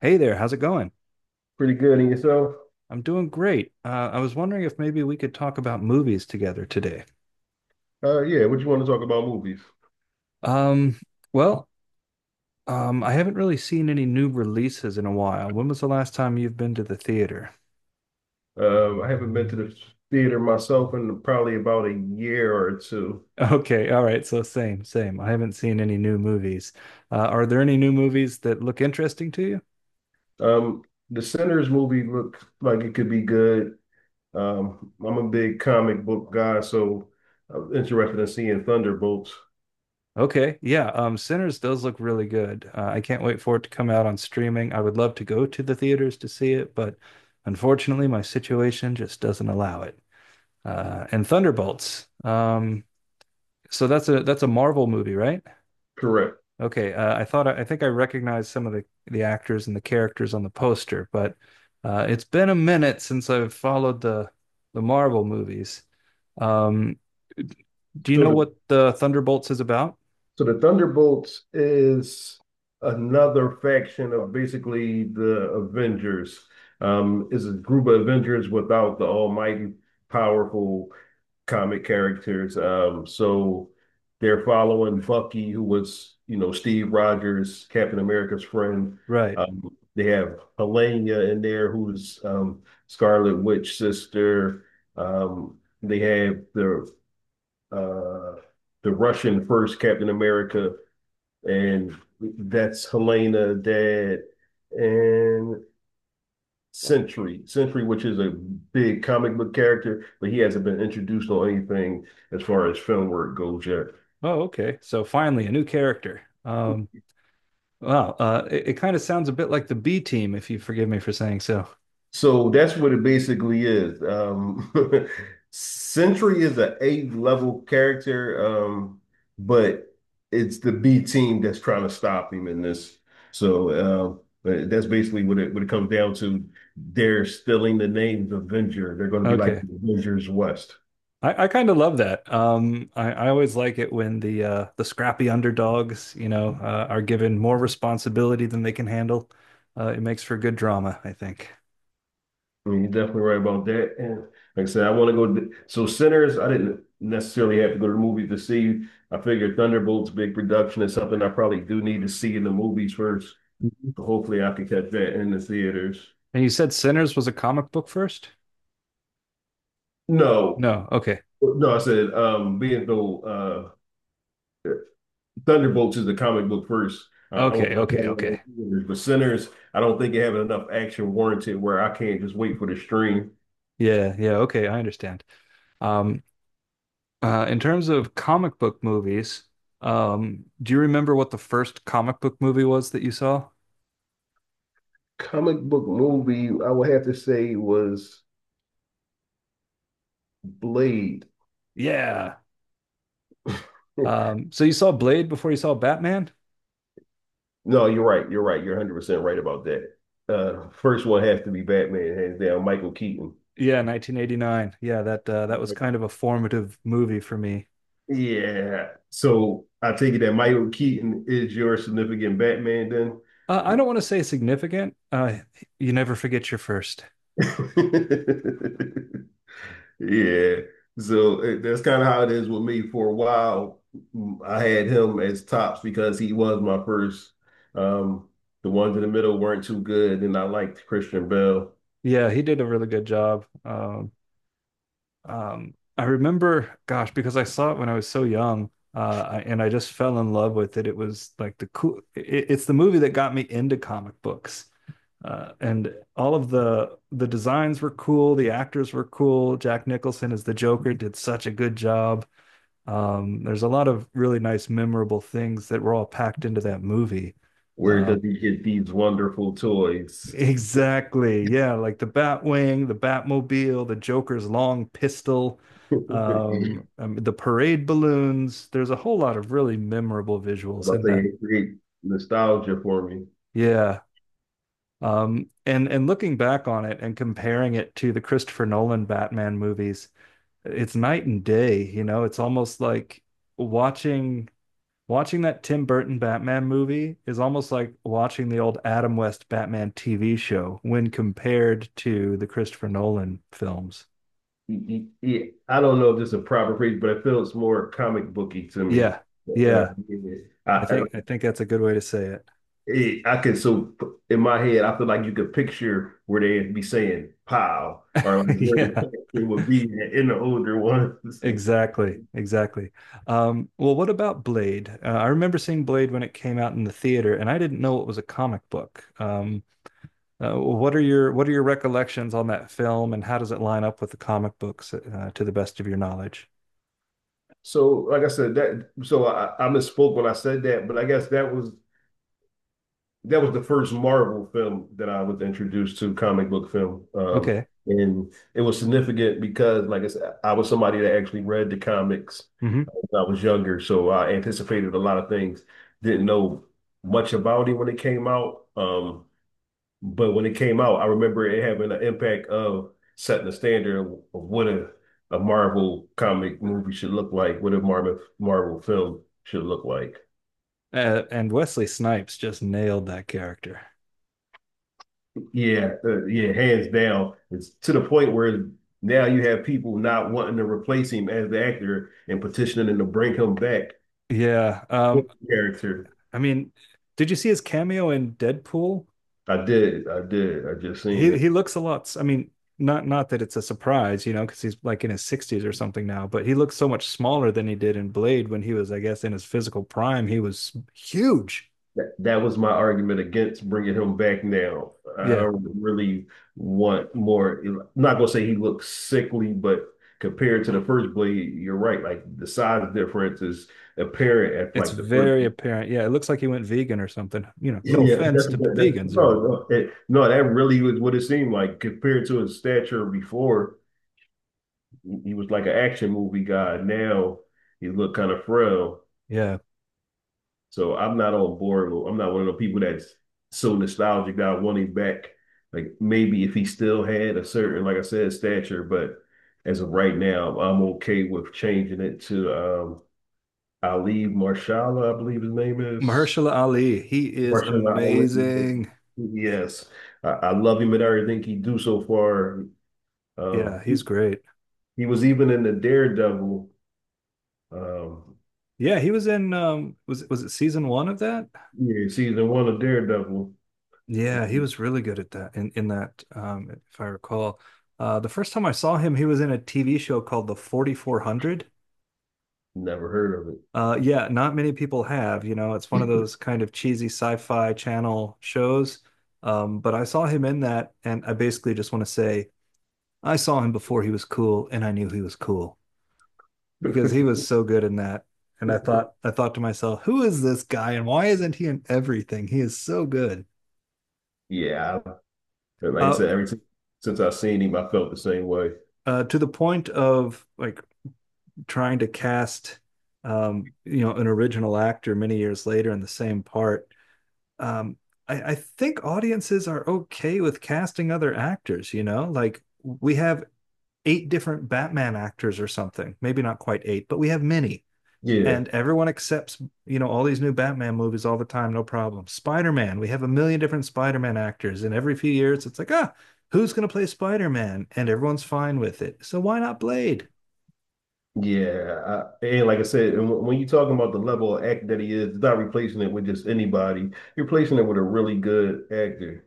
Hey there, how's it going? Pretty good in yourself? I'm doing great. I was wondering if maybe we could talk about movies together today. Yeah, what you want to talk about movies? Um, well, I haven't really seen any new releases in a while. When was the last time you've been to the theater? I haven't been to the theater myself in probably about a year or two. Okay, all right, so same, same. I haven't seen any new movies. Are there any new movies that look interesting to you? Um, the Sinners movie looked like it could be good. I'm a big comic book guy, so I'm interested in seeing Thunderbolts. Okay, yeah, Sinners does look really good. I can't wait for it to come out on streaming. I would love to go to the theaters to see it, but unfortunately, my situation just doesn't allow it. And Thunderbolts. So that's a Marvel movie, right? Correct. Okay, I think I recognized some of the actors and the characters on the poster, but it's been a minute since I've followed the Marvel movies. Um, do you So know the what the Thunderbolts is about? so the Thunderbolts is another faction of basically the Avengers. Is a group of Avengers without the almighty powerful comic characters. So they're following Bucky, who was, you know, Steve Rogers, Captain America's friend. Right. They have Helena in there, who's Scarlet Witch sister. They have uh, the Russian first Captain America, and that's Helena, dad, and Century, which is a big comic book character, but he hasn't been introduced on anything as far as film work goes yet. Oh, okay. So finally, a new character. Wow. It kind of sounds a bit like the B Team, if you forgive me for saying so. So that's what it basically is. Century is an A-level character, but it's the B team that's trying to stop him in this. So but that's basically what it comes down to. They're stealing the name Avenger. They're going to be like Okay. the Avengers West. I kind of love that. I always like it when the scrappy underdogs, are given more responsibility than they can handle. It makes for good drama, I think. I mean, you're definitely right about that. And like I said, I want to go. To- So Sinners, I didn't necessarily have to go to the movies to see. I figured Thunderbolts, big production, is something I probably do need to see in the movies first. Mhm. So hopefully, I could catch that in the theaters. And you said Sinners was a comic book first? No, No. Okay. no, I said being though Thunderbolts is the comic book first. I want to Okay. see Okay. that in Okay. the theaters, but Sinners, I don't think it have enough action warranted where I can't just wait for the stream. Yeah. Yeah. Okay. I understand. Um, in terms of comic book movies, do you remember what the first comic book movie was that you saw? Comic book movie, I would have to say was Blade. Yeah. So you saw Blade before you saw Batman? No, you're right. You're right. You're 100% right about that. First one has to be Batman, hands down, Michael Keaton. Yeah, 1989. Yeah, that that was kind of a formative movie for me. Yeah. So I take it that Michael Keaton is your significant Batman then? I don't want to say significant. You never forget your first. Yeah. That's kind of how it is with me. For a while, I had him as tops because he was my first. Um, the ones in the middle weren't too good, and I liked Christian Bale. Yeah, he did a really good job. I remember, gosh, because I saw it when I was so young, and I just fell in love with it. It was like the cool. It's the movie that got me into comic books. And all of the designs were cool. The actors were cool. Jack Nicholson as the Joker did such a good job. There's a lot of really nice, memorable things that were all packed into that movie. Where Uh, does he get these wonderful toys? exactly. Yeah, like the Batwing, the Batmobile, the Joker's long pistol, I'm the parade balloons. There's a whole lot of really memorable visuals about in to say that. it create nostalgia for me. Yeah. And looking back on it and comparing it to the Christopher Nolan Batman movies, it's night and day, you know, it's almost like watching Watching that Tim Burton Batman movie is almost like watching the old Adam West Batman TV show when compared to the Christopher Nolan films. Yeah, I don't know if this is a proper phrase, but it feels more comic booky to me. Yeah. Uh, Yeah. I, I I, think I think that's a good way to say it. I can so in my head, I feel like you could picture where they'd be saying "pow" or like where the Yeah. character would be in the older ones. Exactly. Exactly. Well, what about Blade? I remember seeing Blade when it came out in the theater, and I didn't know it was a comic book. What are your what are your recollections on that film, and how does it line up with the comic books, to the best of your knowledge? So, like I said, I misspoke when I said that, but I guess that was the first Marvel film that I was introduced to comic book film. Okay. And it was significant because, like I said, I was somebody that actually read the comics Mm-hmm. When I was younger, so I anticipated a lot of things. Didn't know much about it when it came out. But when it came out, I remember it having an impact of setting the standard of what a Marvel comic movie should look like, what a Marvel film should look like. And Wesley Snipes just nailed that character. Yeah, yeah, hands down. It's to the point where now you have people not wanting to replace him as the actor and petitioning to bring him back Yeah. for the character. I mean, did you see his cameo in Deadpool? I did, I did, I just seen He it. he looks a lot. I mean, not that it's a surprise, you know, because he's like in his 60s or something now, but he looks so much smaller than he did in Blade when he was, I guess, in his physical prime. He was huge. That, that was my argument against bringing him back now. I Yeah. don't really want more. I'm not gonna say he looks sickly, but compared to the first Blade, you're right. Like the size difference is apparent at It's like the first. very apparent. Yeah, it looks like he went vegan or something. You know, no Yeah, that's, offense that, to that, vegans or no, anything. no, it, no, that really was what it seemed like compared to his stature before. He was like an action movie guy. Now he looked kind of frail. Yeah. So I'm not on board. I'm not one of the people that's so nostalgic that I want him back. Like maybe if he still had a certain, like I said, stature, but as of right now, I'm okay with changing it to Ali Marshala, I believe his name is. Mahershala Ali, he is Marshala Ali. amazing. Yes. I love him and everything he do so far. Yeah, Um he's great. he was even in the Daredevil, um Yeah, he was in was it season one of that? yeah, season one of Daredevil. Yeah, he was really good at that in that if I recall. The first time I saw him he was in a TV show called The 4400. Never heard of it. Yeah, not many people have, you know, it's one of those kind of cheesy sci-fi channel shows. But I saw him in that and I basically just want to say I saw him before he was cool and I knew he was cool because he was so good in that. And I thought to myself, who is this guy and why isn't he in everything? He is so good. Yeah, but like I Uh, said, every time since I've seen him, I felt the same way. To the point of like trying to cast, you know, an original actor many years later in the same part. Um, I think audiences are okay with casting other actors. You know, like we have eight different Batman actors or something. Maybe not quite eight, but we have many. Yeah, And everyone accepts, you know, all these new Batman movies all the time, no problem. Spider-Man, we have a million different Spider-Man actors, and every few years it's like, ah, who's going to play Spider-Man, and everyone's fine with it. So why not Blade? yeah. And like I said, and when you're talking about the level of act that he is, it's not replacing it with just anybody. You're replacing it with a really good actor.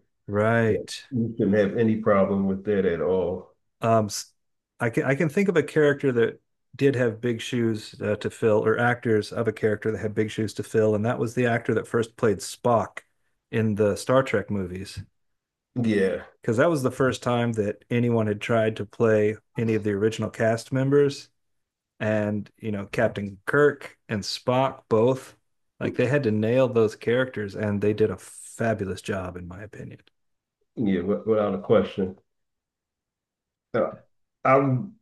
Yeah. Right. You shouldn't have any problem with that at all. um I can think of a character that did have big shoes to fill, or actors of a character that had big shoes to fill, and that was the actor that first played Spock in the Star Trek movies, Yeah, because that was the first time that anyone had tried to play any of the original cast members, and, you know, Captain Kirk and Spock both, like, they had to nail those characters, and they did a fabulous job in my opinion. yeah, without a question. Uh, I'm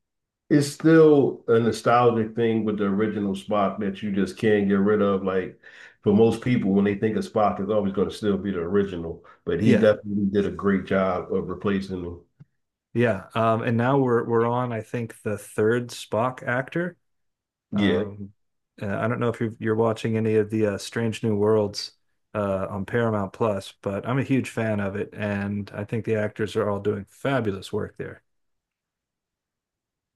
It's still a nostalgic thing with the original Spock that you just can't get rid of. Like for most people, when they think of Spock, it's always going to still be the original. But he Yeah. definitely did a great job of replacing him. Yeah. And now we're on, I think, the third Spock actor. Yeah, Um I don't know if you're watching any of the Strange New Worlds on Paramount Plus, but I'm a huge fan of it and I think the actors are all doing fabulous work there.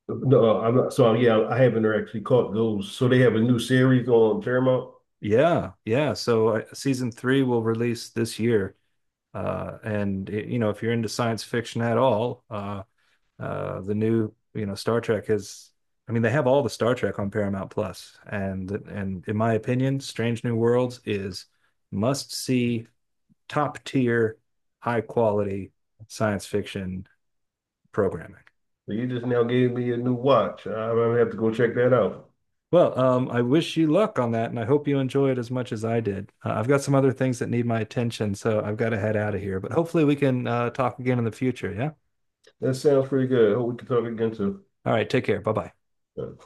no, I'm not. So yeah, I haven't actually caught those. So they have a new series on Paramount. Yeah. Yeah. So season 3 will release this year. And it, you know, if you're into science fiction at all, the new, you know, Star Trek is. I mean, they have all the Star Trek on Paramount Plus, and in my opinion, Strange New Worlds is must see, top tier, high quality science fiction programming. So you just now gave me a new watch. I'm gonna have to go check that out. Well, I wish you luck on that, and I hope you enjoy it as much as I did. I've got some other things that need my attention, so I've got to head out of here. But hopefully, we can talk again in the future. Yeah. That sounds pretty good. Hope we can talk again All right. Take care. Bye bye. soon.